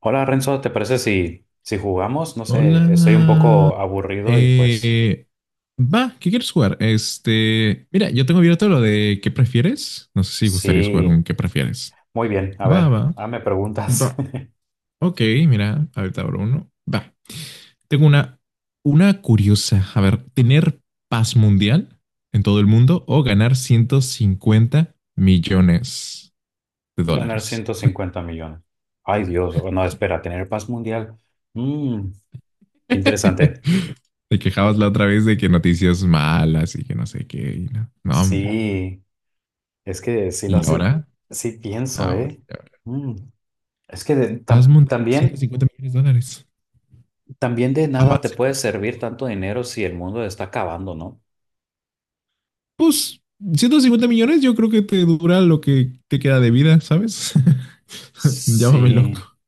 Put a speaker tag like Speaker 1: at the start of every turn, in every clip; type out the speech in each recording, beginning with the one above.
Speaker 1: Hola Renzo, ¿te parece si jugamos? No sé, estoy un
Speaker 2: Hola.
Speaker 1: poco aburrido y pues
Speaker 2: Eh, eh, va, ¿qué quieres jugar? Este, mira, yo tengo abierto lo de ¿qué prefieres? No sé si gustarías jugar un
Speaker 1: sí,
Speaker 2: ¿qué prefieres?
Speaker 1: muy bien, a
Speaker 2: Va,
Speaker 1: ver,
Speaker 2: va,
Speaker 1: me preguntas.
Speaker 2: va. Ok, mira, ahorita abro uno. Va. Tengo una curiosa. A ver, ¿tener paz mundial en todo el mundo o ganar ciento cincuenta millones de
Speaker 1: Ganar
Speaker 2: dólares?
Speaker 1: 150 millones. Ay Dios, no, espera, tener paz mundial. Mm, qué interesante.
Speaker 2: Te quejabas la otra vez de que noticias malas y que no sé qué. Y no, no, hombre.
Speaker 1: Sí, es que sí lo
Speaker 2: ¿Y
Speaker 1: hace,
Speaker 2: ahora?
Speaker 1: sí pienso,
Speaker 2: Ahora,
Speaker 1: ¿eh?
Speaker 2: ahora.
Speaker 1: Mm, es que
Speaker 2: Paz mundial, ciento
Speaker 1: también,
Speaker 2: cincuenta millones de dólares.
Speaker 1: también de nada te
Speaker 2: Avance.
Speaker 1: puede servir tanto dinero si el mundo está acabando, ¿no?
Speaker 2: Pues, 150 millones yo creo que te dura lo que te queda de vida, ¿sabes? Llámame
Speaker 1: Sí,
Speaker 2: loco.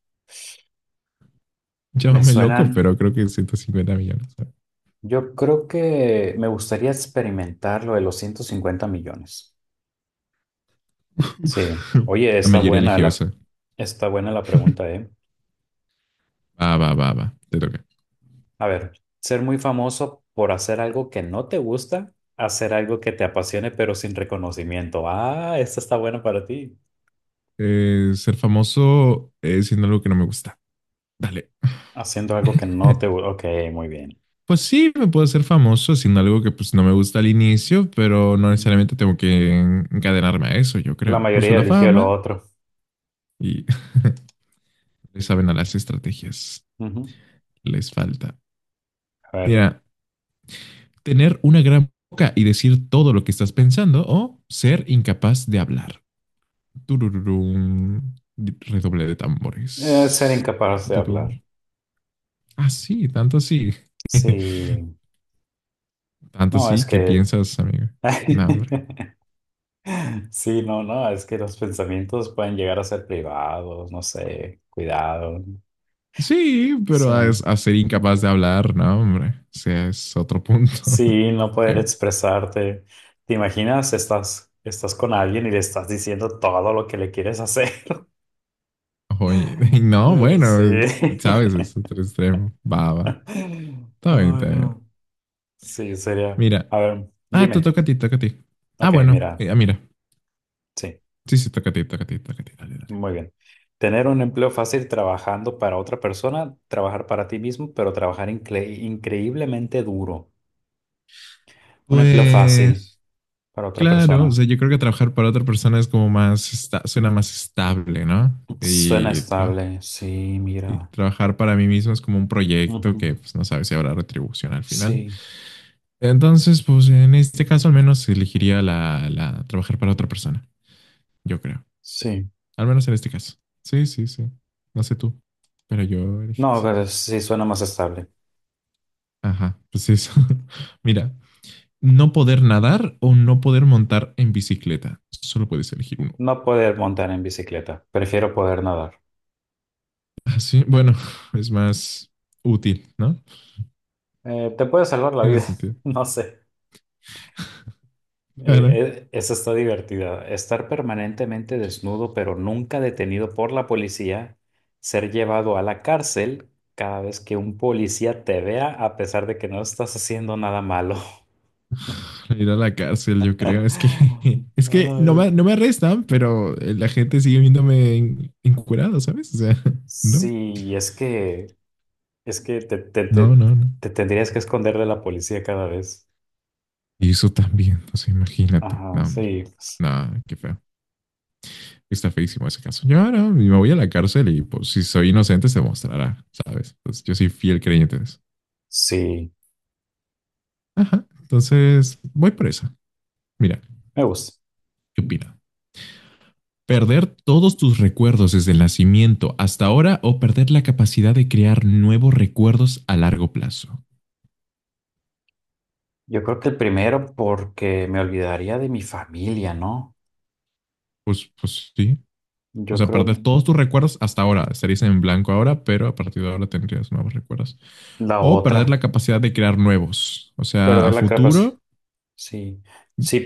Speaker 1: me
Speaker 2: Llámame loco,
Speaker 1: suenan.
Speaker 2: pero creo que 150 millones. ¿Sabes?
Speaker 1: Yo creo que me gustaría experimentar lo de los 150 millones. Sí. Oye,
Speaker 2: La mayoría eligió eso.
Speaker 1: está buena la pregunta, ¿eh?
Speaker 2: Va, va, va, va. Te toca.
Speaker 1: A ver, ser muy famoso por hacer algo que no te gusta, hacer algo que te apasione pero sin reconocimiento. Ah, esta está buena para ti.
Speaker 2: Ser famoso siendo algo que no me gusta. Dale.
Speaker 1: Haciendo algo que no te gusta. Ok, muy bien.
Speaker 2: Pues sí, me puedo hacer famoso haciendo algo que pues no me gusta al inicio, pero no
Speaker 1: Mm.
Speaker 2: necesariamente tengo que encadenarme a eso, yo
Speaker 1: La
Speaker 2: creo. Uso
Speaker 1: mayoría
Speaker 2: la
Speaker 1: eligió lo
Speaker 2: fama
Speaker 1: otro.
Speaker 2: y le saben a las estrategias.
Speaker 1: Ujú.
Speaker 2: Les falta.
Speaker 1: A ver,
Speaker 2: Mira, tener una gran boca y decir todo lo que estás pensando o ser incapaz de hablar. Turururum. Redoble de
Speaker 1: ser
Speaker 2: tambores.
Speaker 1: incapaz de hablar.
Speaker 2: Turururum. Ah, sí, tanto así.
Speaker 1: Sí.
Speaker 2: Tanto
Speaker 1: No, es
Speaker 2: así que
Speaker 1: que...
Speaker 2: piensas, amiga. No, hombre.
Speaker 1: Sí, no, no, es que los pensamientos pueden llegar a ser privados, no sé, cuidado,
Speaker 2: Sí, pero a,
Speaker 1: sí.
Speaker 2: a ser incapaz de hablar, no, hombre. O sea, es otro punto
Speaker 1: Sí, no poder
Speaker 2: extremo.
Speaker 1: expresarte. ¿Te imaginas? Estás con alguien y le estás diciendo todo lo que le quieres hacer.
Speaker 2: Oye, no,
Speaker 1: Sí.
Speaker 2: bueno, sabes, es otro extremo. Va, va. Está bien,
Speaker 1: Ay,
Speaker 2: está bien.
Speaker 1: no. Sí, sería.
Speaker 2: Mira.
Speaker 1: A ver,
Speaker 2: Ah, tú
Speaker 1: dime.
Speaker 2: toca a ti, toca a ti. Ah,
Speaker 1: Ok,
Speaker 2: bueno.
Speaker 1: mira,
Speaker 2: Mira.
Speaker 1: sí.
Speaker 2: Sí, sí, toca a ti, toca a ti, toca a ti. Dale, dale.
Speaker 1: Muy bien. Tener un empleo fácil trabajando para otra persona, trabajar para ti mismo, pero trabajar increíblemente duro. Un empleo fácil
Speaker 2: Pues,
Speaker 1: para otra
Speaker 2: claro, o
Speaker 1: persona.
Speaker 2: sea, yo creo que trabajar para otra persona es como más, suena más estable, ¿no?
Speaker 1: Suena
Speaker 2: Y, tra-
Speaker 1: estable. Sí,
Speaker 2: y
Speaker 1: mira.
Speaker 2: trabajar para mí mismo es como un proyecto
Speaker 1: Ujú.
Speaker 2: que, pues, no sabes si habrá retribución al final.
Speaker 1: Sí,
Speaker 2: Entonces, pues, en este caso al menos elegiría la trabajar para otra persona, yo creo.
Speaker 1: sí.
Speaker 2: Al menos en este caso. Sí, sí, sí. No sé tú, pero yo elegí
Speaker 1: No,
Speaker 2: eso.
Speaker 1: pero sí suena más estable.
Speaker 2: Ajá, pues eso. Mira, no poder nadar o no poder montar en bicicleta. Solo puedes elegir uno.
Speaker 1: No poder montar en bicicleta. Prefiero poder nadar.
Speaker 2: Así, bueno, es más útil, ¿no?
Speaker 1: Te puede salvar la
Speaker 2: Tiene
Speaker 1: vida.
Speaker 2: sentido.
Speaker 1: No sé.
Speaker 2: Claro,
Speaker 1: Esa está divertida. Estar permanentemente desnudo, pero nunca detenido por la policía, ser llevado a la cárcel cada vez que un policía te vea, a pesar de que no estás haciendo nada malo.
Speaker 2: ir a la cárcel, yo creo. Es que, es que
Speaker 1: Ay,
Speaker 2: no me arrestan, pero la gente sigue viéndome encurado, ¿sabes? O sea, no,
Speaker 1: sí, es que
Speaker 2: no.
Speaker 1: te tendrías que esconder de la policía cada vez.
Speaker 2: Y eso también, o sea, imagínate.
Speaker 1: Ajá,
Speaker 2: No, hombre.
Speaker 1: sí,
Speaker 2: No, qué feo. Está feísimo ese caso. Yo ahora no, me voy a la cárcel y pues si soy inocente se mostrará, ¿sabes? Entonces, yo soy fiel creyente de eso.
Speaker 1: sí,
Speaker 2: Ajá. Entonces, voy por esa. Mira,
Speaker 1: me gusta.
Speaker 2: ¿qué opina? Perder todos tus recuerdos desde el nacimiento hasta ahora o perder la capacidad de crear nuevos recuerdos a largo plazo.
Speaker 1: Yo creo que el primero porque me olvidaría de mi familia, ¿no?
Speaker 2: Pues sí. O
Speaker 1: Yo
Speaker 2: sea,
Speaker 1: creo
Speaker 2: perder
Speaker 1: que
Speaker 2: todos tus recuerdos hasta ahora. Estarías en blanco ahora, pero a partir de ahora tendrías nuevos recuerdos.
Speaker 1: la
Speaker 2: O perder
Speaker 1: otra.
Speaker 2: la capacidad de crear nuevos. O sea, a
Speaker 1: Perder la capacidad.
Speaker 2: futuro
Speaker 1: Sí.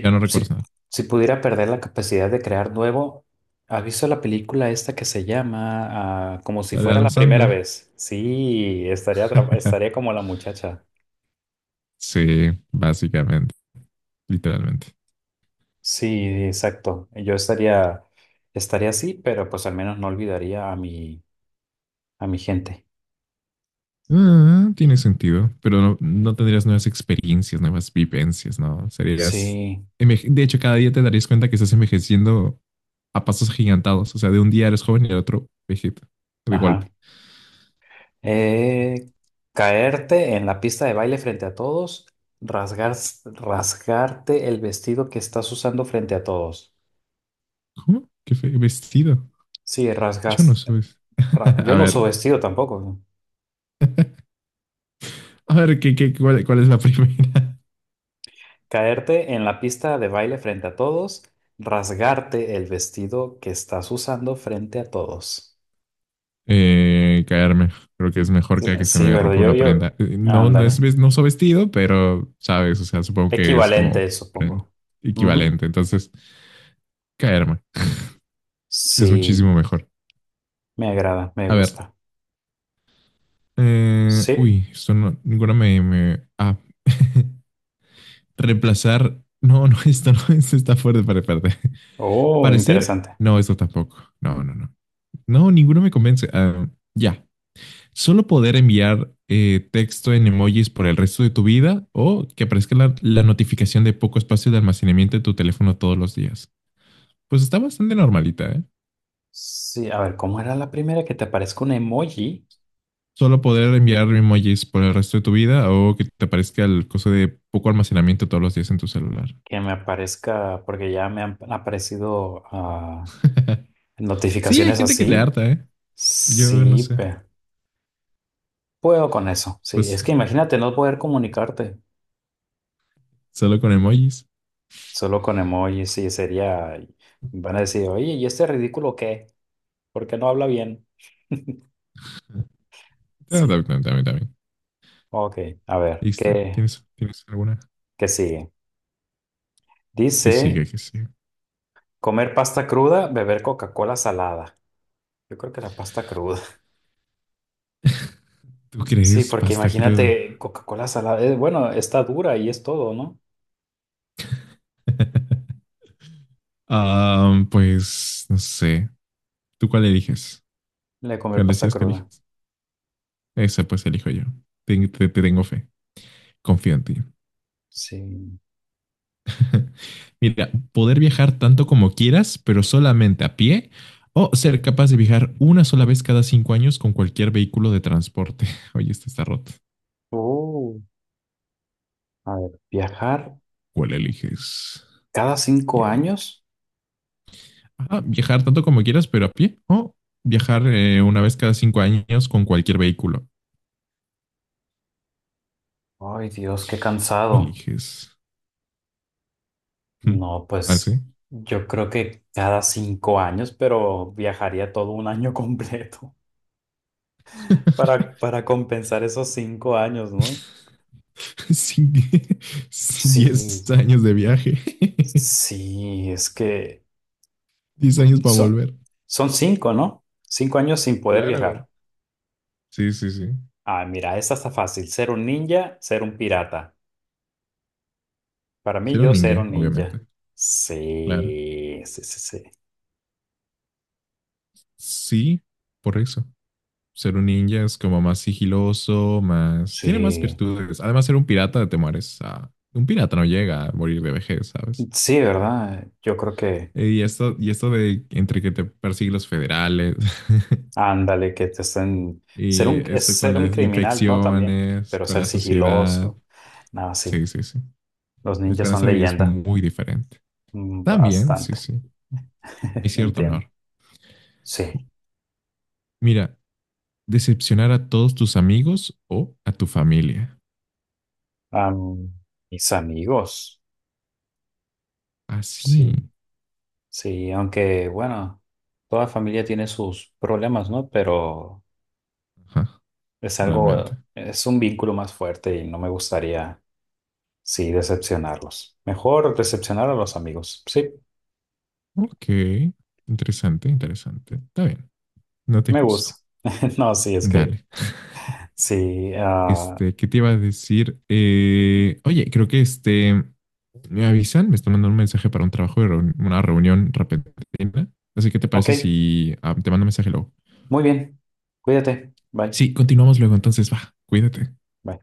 Speaker 2: ya no recuerdas
Speaker 1: si,
Speaker 2: nada.
Speaker 1: si pudiera perder la capacidad de crear nuevo, ¿has visto la película esta que se llama Como si
Speaker 2: La de
Speaker 1: fuera
Speaker 2: Adam
Speaker 1: la primera
Speaker 2: Sandler.
Speaker 1: vez? Sí, estaría como la muchacha.
Speaker 2: Sí, básicamente, literalmente.
Speaker 1: Sí, exacto. Estaría así, pero pues al menos no olvidaría a a mi gente.
Speaker 2: Ah, tiene sentido, pero no, no tendrías nuevas experiencias, nuevas vivencias, ¿no? Serías...
Speaker 1: Sí,
Speaker 2: De hecho, cada día te darías cuenta que estás envejeciendo a pasos gigantados. O sea, de un día eres joven y al otro vegeta, de
Speaker 1: ajá.
Speaker 2: golpe.
Speaker 1: Eh, caerte en la pista de baile frente a todos, rasgar, rasgarte el vestido que estás usando frente a todos.
Speaker 2: ¿Cómo? Vestido?
Speaker 1: Sí,
Speaker 2: Yo no
Speaker 1: rasgas.
Speaker 2: soy...
Speaker 1: Yo
Speaker 2: A
Speaker 1: no uso
Speaker 2: ver,
Speaker 1: vestido tampoco.
Speaker 2: a ver, ¿ cuál es la primera?
Speaker 1: Caerte en la pista de baile frente a todos, rasgarte el vestido que estás usando frente a todos.
Speaker 2: Caerme. Creo que es mejor
Speaker 1: Sí,
Speaker 2: que se
Speaker 1: sí,
Speaker 2: me
Speaker 1: ¿verdad?
Speaker 2: rompa una prenda. No,
Speaker 1: Ándale.
Speaker 2: no uso vestido, pero sabes, o sea, supongo que es como
Speaker 1: Equivalente,
Speaker 2: prenda
Speaker 1: supongo. Ujú.
Speaker 2: equivalente. Entonces, caerme. Es
Speaker 1: Sí,
Speaker 2: muchísimo mejor.
Speaker 1: me agrada, me
Speaker 2: A ver.
Speaker 1: gusta. Sí.
Speaker 2: Uy, esto no, ah. Reemplazar. No, no, esto no, esto está fuerte para parte.
Speaker 1: Oh,
Speaker 2: Parecer.
Speaker 1: interesante.
Speaker 2: No, esto tampoco. No, no, no. No, ninguno me convence. Ah, ya. Solo poder enviar texto en emojis por el resto de tu vida o que aparezca la notificación de poco espacio de almacenamiento de tu teléfono todos los días. Pues está bastante normalita, ¿eh?
Speaker 1: Sí, a ver, ¿cómo era la primera? Que te aparezca un emoji,
Speaker 2: Solo poder enviar emojis por el resto de tu vida o que te aparezca el coso de poco almacenamiento todos los días en tu celular.
Speaker 1: que me aparezca, porque ya me han aparecido
Speaker 2: Sí, hay
Speaker 1: notificaciones
Speaker 2: gente que le
Speaker 1: así.
Speaker 2: harta, ¿eh? Yo no
Speaker 1: Sí,
Speaker 2: sé.
Speaker 1: puedo con eso. Sí, es que
Speaker 2: Pues
Speaker 1: imagínate no poder comunicarte
Speaker 2: solo con emojis.
Speaker 1: solo con emojis, sí, sería, van a decir, oye, ¿y este ridículo qué? ¿Por qué no habla bien?
Speaker 2: Ah,
Speaker 1: Sí,
Speaker 2: también, también, también.
Speaker 1: ok, a ver,
Speaker 2: Listo. ¿Tienes alguna?
Speaker 1: ¿qué sigue?
Speaker 2: Que siga,
Speaker 1: Dice,
Speaker 2: que siga.
Speaker 1: comer pasta cruda, beber Coca-Cola salada. Yo creo que la pasta cruda.
Speaker 2: ¿Tú
Speaker 1: Sí,
Speaker 2: crees
Speaker 1: porque
Speaker 2: pasta cruda?
Speaker 1: imagínate Coca-Cola salada. Bueno, está dura y es todo, ¿no?
Speaker 2: Ah, pues no sé. ¿Tú cuál eliges?
Speaker 1: Le comer
Speaker 2: ¿Cuál
Speaker 1: pasta
Speaker 2: decías que
Speaker 1: cruda.
Speaker 2: eliges? Esa pues elijo yo. Te tengo fe. Confío en ti.
Speaker 1: Sí.
Speaker 2: Mira, poder viajar tanto como quieras, pero solamente a pie, o ser capaz de viajar una sola vez cada 5 años con cualquier vehículo de transporte. Oye, este está roto.
Speaker 1: Oh, a ver, viajar
Speaker 2: ¿Cuál eliges,
Speaker 1: cada cinco
Speaker 2: Diego?
Speaker 1: años.
Speaker 2: Ah, viajar tanto como quieras, pero a pie, o viajar una vez cada 5 años con cualquier vehículo.
Speaker 1: Ay, Dios, qué cansado.
Speaker 2: Eliges. Hmm.
Speaker 1: No,
Speaker 2: ¿Ah,
Speaker 1: pues
Speaker 2: sí?
Speaker 1: yo creo que cada 5 años, pero viajaría todo un año completo para compensar esos 5 años, ¿no?
Speaker 2: Sin, die- sin
Speaker 1: Sí,
Speaker 2: 10 años de viaje.
Speaker 1: sí, es que
Speaker 2: 10 años para
Speaker 1: son,
Speaker 2: volver.
Speaker 1: son cinco, ¿no? 5 años sin poder
Speaker 2: Claro.
Speaker 1: viajar.
Speaker 2: Sí, sí, sí.
Speaker 1: Ah, mira, esa está fácil. Ser un ninja, ser un pirata. Para mí,
Speaker 2: Ser un
Speaker 1: yo ser
Speaker 2: ninja,
Speaker 1: un ninja.
Speaker 2: obviamente. Claro.
Speaker 1: Sí, sí, sí, sí.
Speaker 2: Sí, por eso. Ser un ninja es como más sigiloso, más...
Speaker 1: Sí,
Speaker 2: Tiene más virtudes. Además, ser un pirata te mueres. Un pirata no llega a morir de vejez, ¿sabes?
Speaker 1: sí, ¿verdad? Yo creo que,
Speaker 2: Y esto de entre que te persiguen los federales,
Speaker 1: ándale, que te estén...
Speaker 2: y
Speaker 1: es
Speaker 2: esto con
Speaker 1: ser un
Speaker 2: las
Speaker 1: criminal, ¿no? También,
Speaker 2: infecciones,
Speaker 1: pero
Speaker 2: con
Speaker 1: ser
Speaker 2: la sociedad.
Speaker 1: sigiloso. Nada,
Speaker 2: Sí,
Speaker 1: sí.
Speaker 2: sí, sí.
Speaker 1: Los
Speaker 2: La
Speaker 1: ninjas son
Speaker 2: esperanza de vida es
Speaker 1: leyenda.
Speaker 2: muy diferente.
Speaker 1: Mm,
Speaker 2: También, sí,
Speaker 1: bastante.
Speaker 2: sí. Hay cierto
Speaker 1: Entiendo.
Speaker 2: honor.
Speaker 1: Sí.
Speaker 2: Mira, decepcionar a todos tus amigos o a tu familia.
Speaker 1: Am, mis amigos.
Speaker 2: Así.
Speaker 1: Sí, sí, aunque, bueno, toda familia tiene sus problemas, ¿no? Pero...
Speaker 2: Ajá,
Speaker 1: Es
Speaker 2: realmente.
Speaker 1: algo, es un vínculo más fuerte y no me gustaría, sí, decepcionarlos. Mejor decepcionar a los amigos. Sí,
Speaker 2: Ok. Interesante, interesante. Está bien. No te
Speaker 1: me gusta.
Speaker 2: juzgo.
Speaker 1: No, sí, es que,
Speaker 2: Dale.
Speaker 1: sí.
Speaker 2: Este, ¿qué te iba a decir? Oye, creo que este. Me avisan, me están mandando un mensaje para un trabajo de una reunión repentina. Así que, ¿te
Speaker 1: Ok,
Speaker 2: parece si te mando un mensaje luego?
Speaker 1: muy bien. Cuídate. Bye.
Speaker 2: Sí, continuamos luego. Entonces, va, cuídate.
Speaker 1: Bye.